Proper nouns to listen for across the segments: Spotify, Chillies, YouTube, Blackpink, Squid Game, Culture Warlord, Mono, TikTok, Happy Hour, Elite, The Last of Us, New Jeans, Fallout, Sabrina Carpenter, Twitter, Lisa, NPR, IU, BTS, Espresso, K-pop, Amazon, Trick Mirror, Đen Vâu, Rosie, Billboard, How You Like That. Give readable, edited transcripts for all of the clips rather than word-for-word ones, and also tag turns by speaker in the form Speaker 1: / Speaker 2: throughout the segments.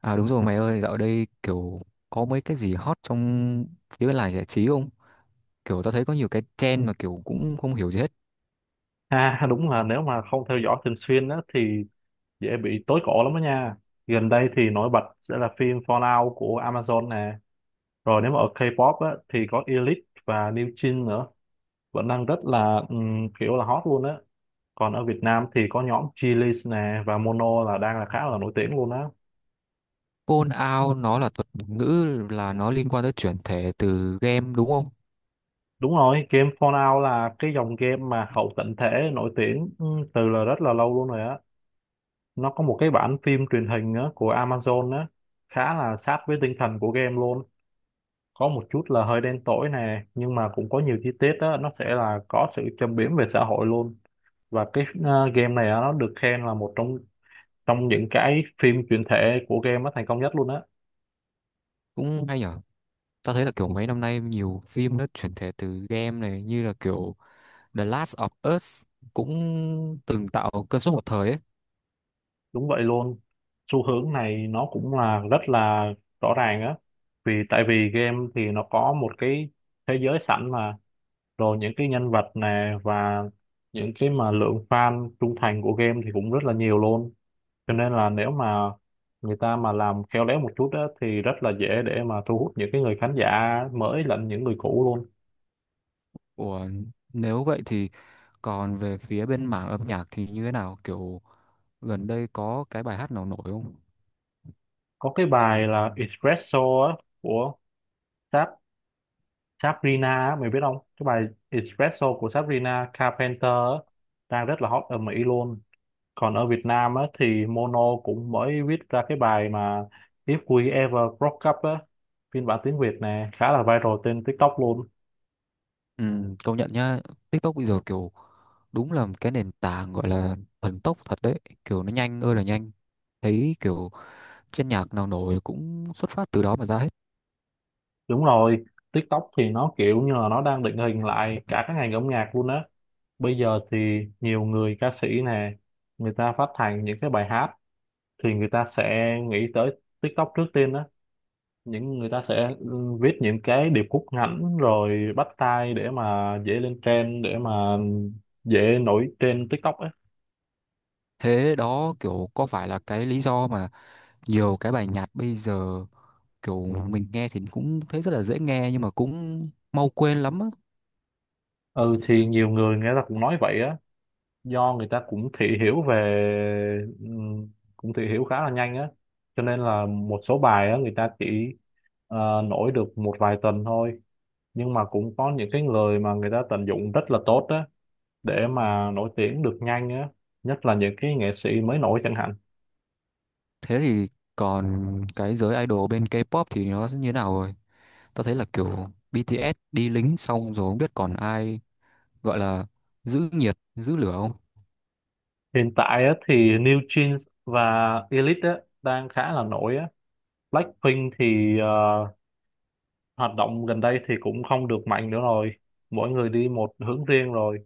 Speaker 1: À đúng rồi mày ơi, dạo đây kiểu có mấy cái gì hot trong phía bên làng giải trí không? Kiểu tao thấy có nhiều cái trend mà kiểu cũng không hiểu gì hết.
Speaker 2: À đúng là nếu mà không theo dõi thường xuyên á thì dễ bị tối cổ lắm đó nha. Gần đây thì nổi bật sẽ là phim Fallout của Amazon nè. Rồi nếu mà ở K-pop á thì có Elite và New Jeans nữa. Vẫn đang rất là kiểu là hot luôn á. Còn ở Việt Nam thì có nhóm Chillies nè và Mono là đang là khá là nổi tiếng luôn á.
Speaker 1: Phone out nó là thuật ngữ là nó liên quan tới chuyển thể từ game đúng không?
Speaker 2: Đúng rồi, game Fallout là cái dòng game mà hậu tận thể nổi tiếng từ là rất là lâu luôn rồi á. Nó có một cái bản phim truyền hình á, của Amazon á, khá là sát với tinh thần của game luôn, có một chút là hơi đen tối nè, nhưng mà cũng có nhiều chi tiết đó nó sẽ là có sự châm biếm về xã hội luôn. Và cái game này á, nó được khen là một trong trong những cái phim chuyển thể của game nó thành công nhất luôn á.
Speaker 1: Cũng hay nhở. Tao thấy là kiểu mấy năm nay nhiều phim nó chuyển thể từ game này như là kiểu The Last of Us cũng từng tạo cơn sốt một thời ấy.
Speaker 2: Đúng vậy luôn, xu hướng này nó cũng là rất là rõ ràng á, vì tại vì game thì nó có một cái thế giới sẵn mà, rồi những cái nhân vật nè và những cái mà lượng fan trung thành của game thì cũng rất là nhiều luôn. Cho nên là nếu mà người ta mà làm khéo léo một chút á, thì rất là dễ để mà thu hút những cái người khán giả mới lẫn những người cũ luôn.
Speaker 1: Ủa, nếu vậy thì còn về phía bên mảng âm nhạc thì như thế nào? Kiểu gần đây có cái bài hát nào nổi không?
Speaker 2: Có cái bài là Espresso á, của Sab Sabrina á, mày biết không, cái bài Espresso của Sabrina Carpenter á, đang rất là hot ở Mỹ luôn. Còn ở Việt Nam á, thì Mono cũng mới viết ra cái bài mà If We Ever Broke Up á, phiên bản tiếng Việt nè khá là viral trên TikTok luôn.
Speaker 1: Ừ, công nhận nhá. TikTok bây giờ kiểu đúng là cái nền tảng gọi là thần tốc thật đấy, kiểu nó nhanh ơi là nhanh, thấy kiểu trên nhạc nào nổi cũng xuất phát từ đó mà ra hết.
Speaker 2: Đúng rồi, TikTok thì nó kiểu như là nó đang định hình lại cả cái ngành âm nhạc luôn á. Bây giờ thì nhiều người ca sĩ nè, người ta phát hành những cái bài hát thì người ta sẽ nghĩ tới TikTok trước tiên á. Những người ta sẽ viết những cái điệp khúc ngắn rồi bắt tai để mà dễ lên trend, để mà dễ nổi trên TikTok á.
Speaker 1: Thế đó kiểu có phải là cái lý do mà nhiều cái bài nhạc bây giờ kiểu mình nghe thì cũng thấy rất là dễ nghe nhưng mà cũng mau quên lắm á?
Speaker 2: Ừ thì nhiều người người ta cũng nói vậy á. Do người ta cũng thị hiểu về cũng thị hiểu khá là nhanh á, cho nên là một số bài á người ta chỉ nổi được một vài tuần thôi, nhưng mà cũng có những cái người mà người ta tận dụng rất là tốt á để mà nổi tiếng được nhanh á, nhất là những cái nghệ sĩ mới nổi chẳng hạn.
Speaker 1: Thế thì còn cái giới idol bên K-pop thì nó sẽ như thế nào rồi? Tao thấy là kiểu BTS đi lính xong rồi không biết còn ai gọi là giữ nhiệt giữ lửa không.
Speaker 2: Hiện tại á thì New Jeans và Elite á đang khá là nổi á. Blackpink thì hoạt động gần đây thì cũng không được mạnh nữa rồi, mỗi người đi một hướng riêng rồi.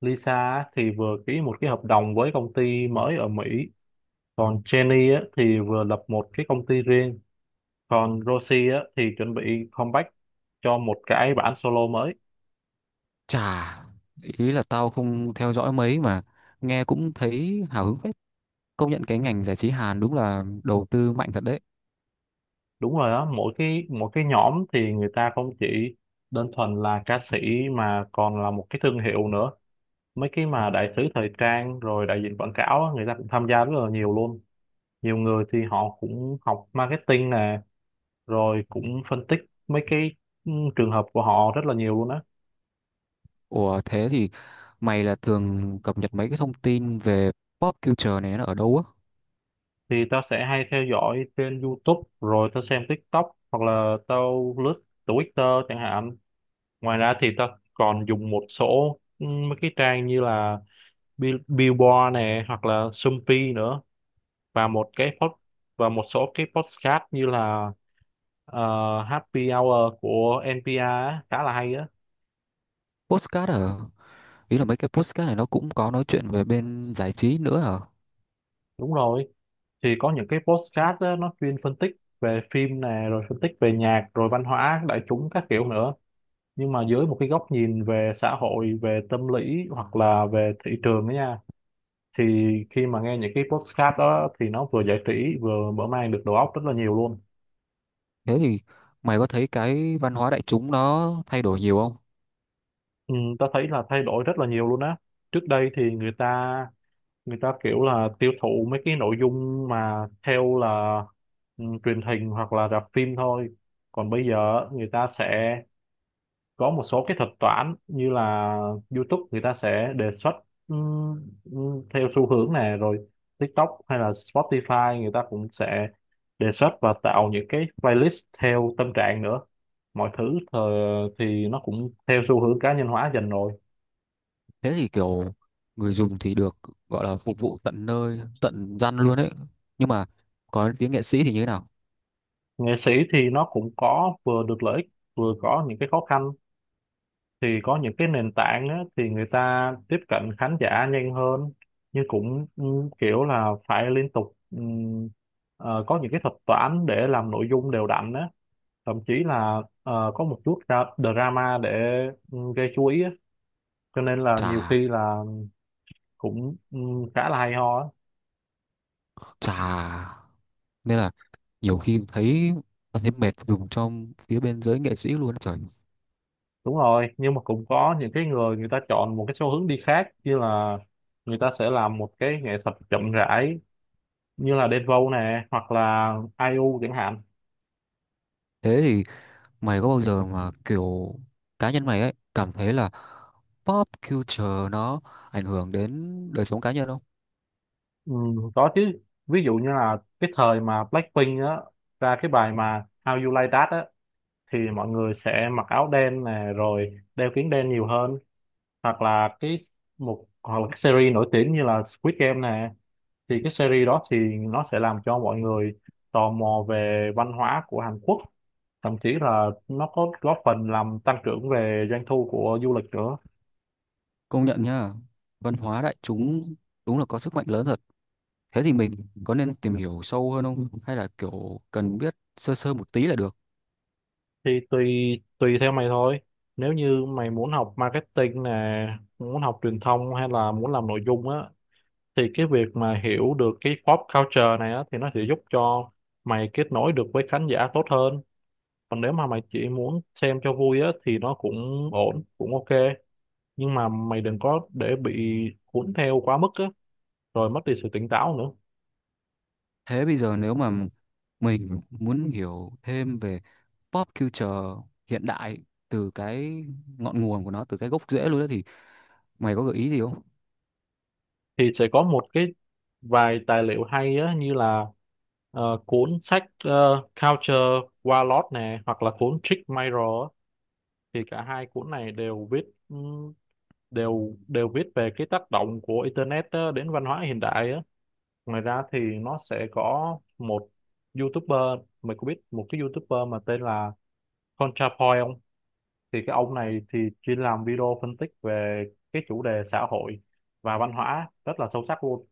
Speaker 2: Lisa á, thì vừa ký một cái hợp đồng với công ty mới ở Mỹ, còn Jenny á, thì vừa lập một cái công ty riêng, còn Rosie á, thì chuẩn bị comeback cho một cái bản solo mới.
Speaker 1: Chà, ý là tao không theo dõi mấy mà nghe cũng thấy hào hứng phết. Công nhận cái ngành giải trí Hàn đúng là đầu tư mạnh thật đấy.
Speaker 2: Đúng rồi đó, mỗi cái nhóm thì người ta không chỉ đơn thuần là ca sĩ mà còn là một cái thương hiệu nữa. Mấy cái mà đại sứ thời trang rồi đại diện quảng cáo á, người ta cũng tham gia rất là nhiều luôn. Nhiều người thì họ cũng học marketing nè, rồi cũng phân tích mấy cái trường hợp của họ rất là nhiều luôn á.
Speaker 1: Ủa thế thì mày là thường cập nhật mấy cái thông tin về pop culture này nó ở đâu á?
Speaker 2: Thì tao sẽ hay theo dõi trên YouTube rồi tao xem TikTok hoặc là tao lướt Twitter chẳng hạn. Ngoài ra thì tao còn dùng một số mấy cái trang như là Billboard này hoặc là Sumpy nữa, và một cái pod, và một số cái podcast như là ờ, Happy Hour của NPR á, khá là hay á.
Speaker 1: Podcast ở, ý là mấy cái podcast này nó cũng có nói chuyện về bên giải trí nữa hả?
Speaker 2: Đúng rồi, thì có những cái podcast á, nó chuyên phân tích về phim nè, rồi phân tích về nhạc rồi văn hóa đại chúng các kiểu nữa, nhưng mà dưới một cái góc nhìn về xã hội, về tâm lý hoặc là về thị trường đó nha. Thì khi mà nghe những cái podcast đó thì nó vừa giải trí vừa mở mang được đầu óc rất là nhiều luôn.
Speaker 1: Thế thì mày có thấy cái văn hóa đại chúng nó thay đổi nhiều không?
Speaker 2: Ừ, ta thấy là thay đổi rất là nhiều luôn á. Trước đây thì người ta kiểu là tiêu thụ mấy cái nội dung mà theo là truyền hình hoặc là rạp phim thôi, còn bây giờ người ta sẽ có một số cái thuật toán như là YouTube người ta sẽ đề xuất theo xu hướng này rồi. TikTok hay là Spotify người ta cũng sẽ đề xuất và tạo những cái playlist theo tâm trạng nữa. Mọi thứ thì nó cũng theo xu hướng cá nhân hóa dần rồi.
Speaker 1: Thế thì kiểu người dùng thì được gọi là phục vụ tận nơi tận răn luôn ấy, nhưng mà có đến tiếng nghệ sĩ thì như thế nào?
Speaker 2: Nghệ sĩ thì nó cũng có vừa được lợi ích, vừa có những cái khó khăn. Thì có những cái nền tảng á, thì người ta tiếp cận khán giả nhanh hơn, nhưng cũng kiểu là phải liên tục có những cái thuật toán để làm nội dung đều đặn á, thậm chí là có một chút ra drama để gây chú ý á. Cho nên là nhiều
Speaker 1: Chà.
Speaker 2: khi là cũng khá là hay ho á.
Speaker 1: Chà, nên là nhiều khi thấy thấy mệt dùng trong phía bên giới nghệ sĩ luôn trời.
Speaker 2: Đúng rồi, nhưng mà cũng có những cái người người ta chọn một cái xu hướng đi khác, như là người ta sẽ làm một cái nghệ thuật chậm rãi như là Đen Vâu nè hoặc là ai IU chẳng hạn.
Speaker 1: Thế thì mày có bao giờ mà kiểu cá nhân mày ấy cảm thấy là pop culture nó ảnh hưởng đến đời sống cá nhân không?
Speaker 2: Ừ, có chứ. Ví dụ như là cái thời mà Blackpink á ra cái bài mà How You Like That á, thì mọi người sẽ mặc áo đen nè rồi đeo kính đen nhiều hơn. Hoặc là cái series nổi tiếng như là Squid Game nè, thì cái series đó thì nó sẽ làm cho mọi người tò mò về văn hóa của Hàn Quốc, thậm chí là nó có góp phần làm tăng trưởng về doanh thu của du lịch nữa.
Speaker 1: Công nhận nhá, văn hóa đại chúng đúng là có sức mạnh lớn thật. Thế thì mình có nên tìm hiểu sâu hơn không? Hay là kiểu cần biết sơ sơ một tí là được?
Speaker 2: Thì tùy, tùy theo mày thôi. Nếu như mày muốn học marketing nè, muốn học truyền thông hay là muốn làm nội dung á, thì cái việc mà hiểu được cái pop culture này á thì nó sẽ giúp cho mày kết nối được với khán giả tốt hơn. Còn nếu mà mày chỉ muốn xem cho vui á thì nó cũng ổn, cũng ok, nhưng mà mày đừng có để bị cuốn theo quá mức á rồi mất đi sự tỉnh táo nữa.
Speaker 1: Thế bây giờ nếu mà mình muốn hiểu thêm về pop culture hiện đại từ cái ngọn nguồn của nó, từ cái gốc rễ luôn đó thì mày có gợi ý gì không?
Speaker 2: Thì sẽ có một vài tài liệu hay á, như là cuốn sách Culture Warlord nè hoặc là cuốn Trick Mirror á. Thì cả hai cuốn này đều viết ừm, đều đều viết về cái tác động của internet á, đến văn hóa hiện đại á. Ngoài ra thì nó sẽ có một YouTuber, mày có biết một cái YouTuber mà tên là ContraPoint không? Thì cái ông này thì chuyên làm video phân tích về cái chủ đề xã hội và văn hóa rất là sâu sắc luôn.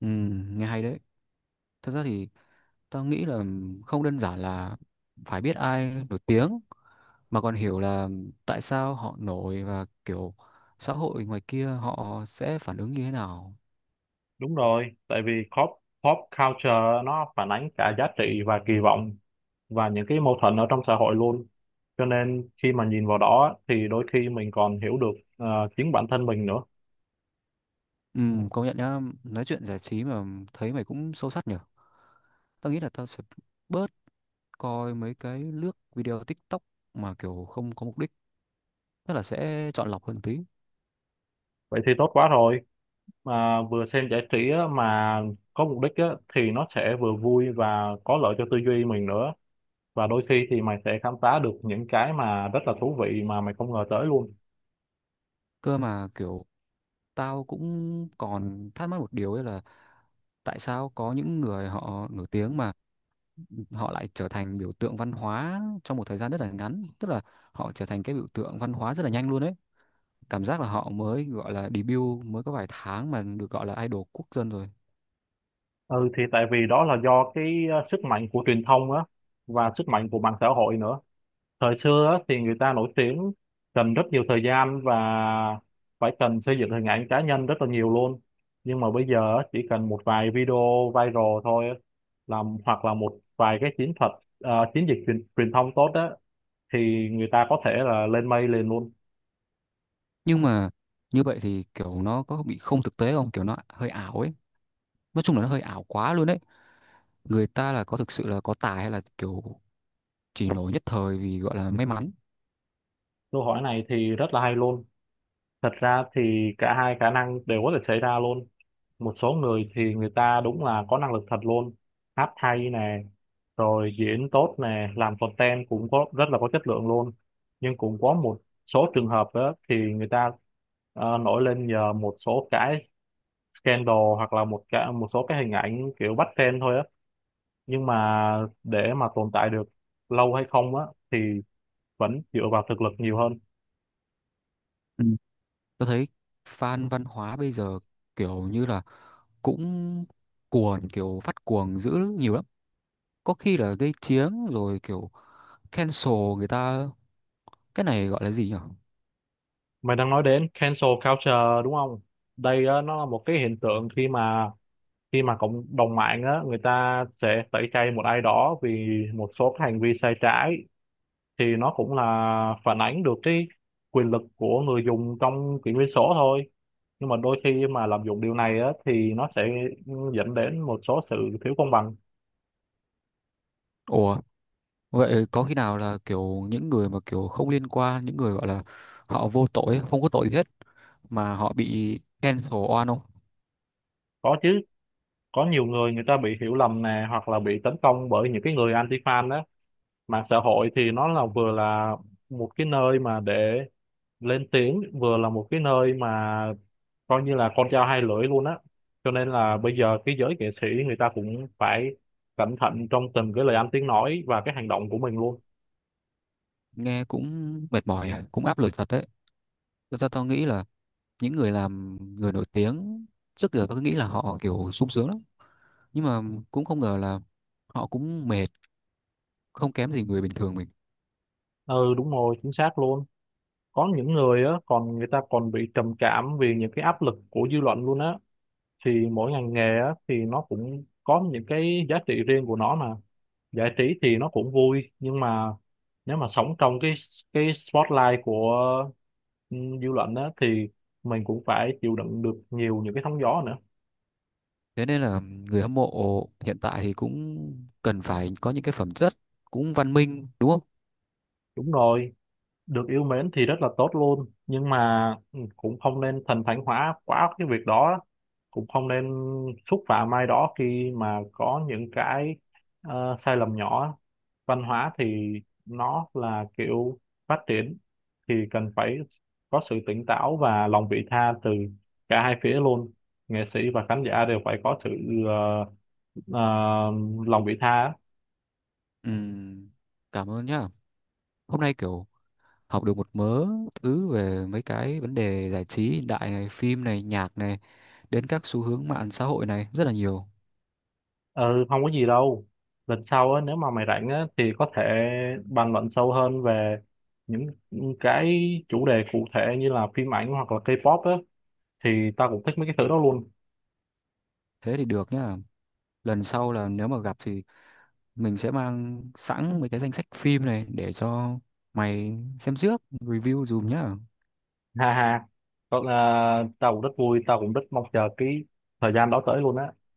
Speaker 1: Ừ, nghe hay đấy. Thật ra thì tao nghĩ là không đơn giản là phải biết ai nổi tiếng mà còn hiểu là tại sao họ nổi và kiểu xã hội ngoài kia họ sẽ phản ứng như thế nào.
Speaker 2: Đúng rồi, tại vì pop pop culture nó phản ánh cả giá trị và kỳ vọng và những cái mâu thuẫn ở trong xã hội luôn. Cho nên khi mà nhìn vào đó á, thì đôi khi mình còn hiểu được chính bản thân mình nữa.
Speaker 1: Ừ, công nhận nhá, nói chuyện giải trí mà thấy mày cũng sâu sắc nhở. Tao nghĩ là tao sẽ bớt coi mấy cái lướt video TikTok mà kiểu không có mục đích, tức là sẽ chọn lọc hơn tí.
Speaker 2: Vậy thì tốt quá rồi. Mà vừa xem giải trí á, mà có mục đích á, thì nó sẽ vừa vui và có lợi cho tư duy mình nữa. Và đôi khi thì mày sẽ khám phá được những cái mà rất là thú vị mà mày không ngờ tới luôn.
Speaker 1: Cơ mà kiểu tao cũng còn thắc mắc một điều ấy là tại sao có những người họ nổi tiếng mà họ lại trở thành biểu tượng văn hóa trong một thời gian rất là ngắn, tức là họ trở thành cái biểu tượng văn hóa rất là nhanh luôn ấy. Cảm giác là họ mới gọi là debut mới có vài tháng mà được gọi là idol quốc dân rồi.
Speaker 2: Ừ thì tại vì đó là do cái sức mạnh của truyền thông á và sức mạnh của mạng xã hội nữa. Thời xưa á, thì người ta nổi tiếng cần rất nhiều thời gian và phải cần xây dựng hình ảnh cá nhân rất là nhiều luôn. Nhưng mà bây giờ á, chỉ cần một vài video viral thôi á, làm hoặc là một vài cái chiến thuật, à, chiến dịch truyền thông tốt á thì người ta có thể là lên mây liền luôn.
Speaker 1: Nhưng mà như vậy thì kiểu nó có bị không thực tế không, kiểu nó hơi ảo ấy, nói chung là nó hơi ảo quá luôn ấy. Người ta là có thực sự là có tài hay là kiểu chỉ nổi nhất thời vì gọi là may mắn?
Speaker 2: Câu hỏi này thì rất là hay luôn. Thật ra thì cả hai khả năng đều có thể xảy ra luôn. Một số người thì người ta đúng là có năng lực thật luôn, hát hay nè, rồi diễn tốt nè, làm content cũng có rất là có chất lượng luôn. Nhưng cũng có một số trường hợp đó thì người ta nổi lên nhờ một số cái scandal hoặc là một số cái hình ảnh kiểu bắt trend thôi á, nhưng mà để mà tồn tại được lâu hay không á thì vẫn dựa vào thực lực nhiều hơn.
Speaker 1: Ừ. Tôi thấy fan văn hóa bây giờ kiểu như là cũng cuồng, kiểu phát cuồng dữ nhiều lắm, có khi là gây chiến rồi kiểu cancel người ta. Cái này gọi là gì nhỉ?
Speaker 2: Mày đang nói đến cancel culture đúng không? Đây á, nó là một cái hiện tượng khi mà cộng đồng mạng á người ta sẽ tẩy chay một ai đó vì một số cái hành vi sai trái. Thì nó cũng là phản ánh được cái quyền lực của người dùng trong kỷ nguyên số thôi, nhưng mà đôi khi mà lạm dụng điều này á thì nó sẽ dẫn đến một số sự thiếu công bằng.
Speaker 1: Ủa vậy có khi nào là kiểu những người mà kiểu không liên quan, những người gọi là họ vô tội không có tội gì hết mà họ bị cancel oan không?
Speaker 2: Có chứ, có nhiều người người ta bị hiểu lầm nè hoặc là bị tấn công bởi những cái người anti fan á. Mạng xã hội thì nó là vừa là một cái nơi mà để lên tiếng, vừa là một cái nơi mà coi như là con dao hai lưỡi luôn á. Cho nên là bây giờ cái giới nghệ sĩ người ta cũng phải cẩn thận trong từng cái lời ăn tiếng nói và cái hành động của mình luôn.
Speaker 1: Nghe cũng mệt mỏi, à, cũng áp lực thật đấy. Thật ra tao nghĩ là những người làm người nổi tiếng trước giờ tao cứ nghĩ là họ kiểu sung sướng lắm, nhưng mà cũng không ngờ là họ cũng mệt, không kém gì người bình thường mình.
Speaker 2: Ừ đúng rồi, chính xác luôn. Có những người á còn người ta còn bị trầm cảm vì những cái áp lực của dư luận luôn á. Thì mỗi ngành nghề á thì nó cũng có những cái giá trị riêng của nó mà, giải trí thì nó cũng vui, nhưng mà nếu mà sống trong cái spotlight của dư luận á thì mình cũng phải chịu đựng được nhiều những cái sóng gió nữa.
Speaker 1: Thế nên là người hâm mộ hiện tại thì cũng cần phải có những cái phẩm chất cũng văn minh đúng không?
Speaker 2: Đúng rồi, được yêu mến thì rất là tốt luôn, nhưng mà cũng không nên thần thánh hóa quá cái việc đó, cũng không nên xúc phạm ai đó khi mà có những cái sai lầm nhỏ. Văn hóa thì nó là kiểu phát triển thì cần phải có sự tỉnh táo và lòng vị tha từ cả hai phía luôn. Nghệ sĩ và khán giả đều phải có sự ờ, ờ, lòng vị tha á.
Speaker 1: Ừm, cảm ơn nhá. Hôm nay kiểu học được một mớ thứ về mấy cái vấn đề giải trí hiện đại này, phim này, nhạc này, đến các xu hướng mạng xã hội này rất là nhiều.
Speaker 2: Ừ không có gì đâu, lần sau á nếu mà mày rảnh á thì có thể bàn luận sâu hơn về những cái chủ đề cụ thể như là phim ảnh hoặc là K-pop á, thì tao cũng thích mấy cái thứ đó luôn.
Speaker 1: Thế thì được nhá. Lần sau là nếu mà gặp thì mình sẽ mang sẵn mấy cái danh sách phim này để cho mày xem trước, review dùm nhá.
Speaker 2: Ha ha, còn à, tao cũng rất vui, tao cũng rất mong chờ cái thời gian đó tới luôn á.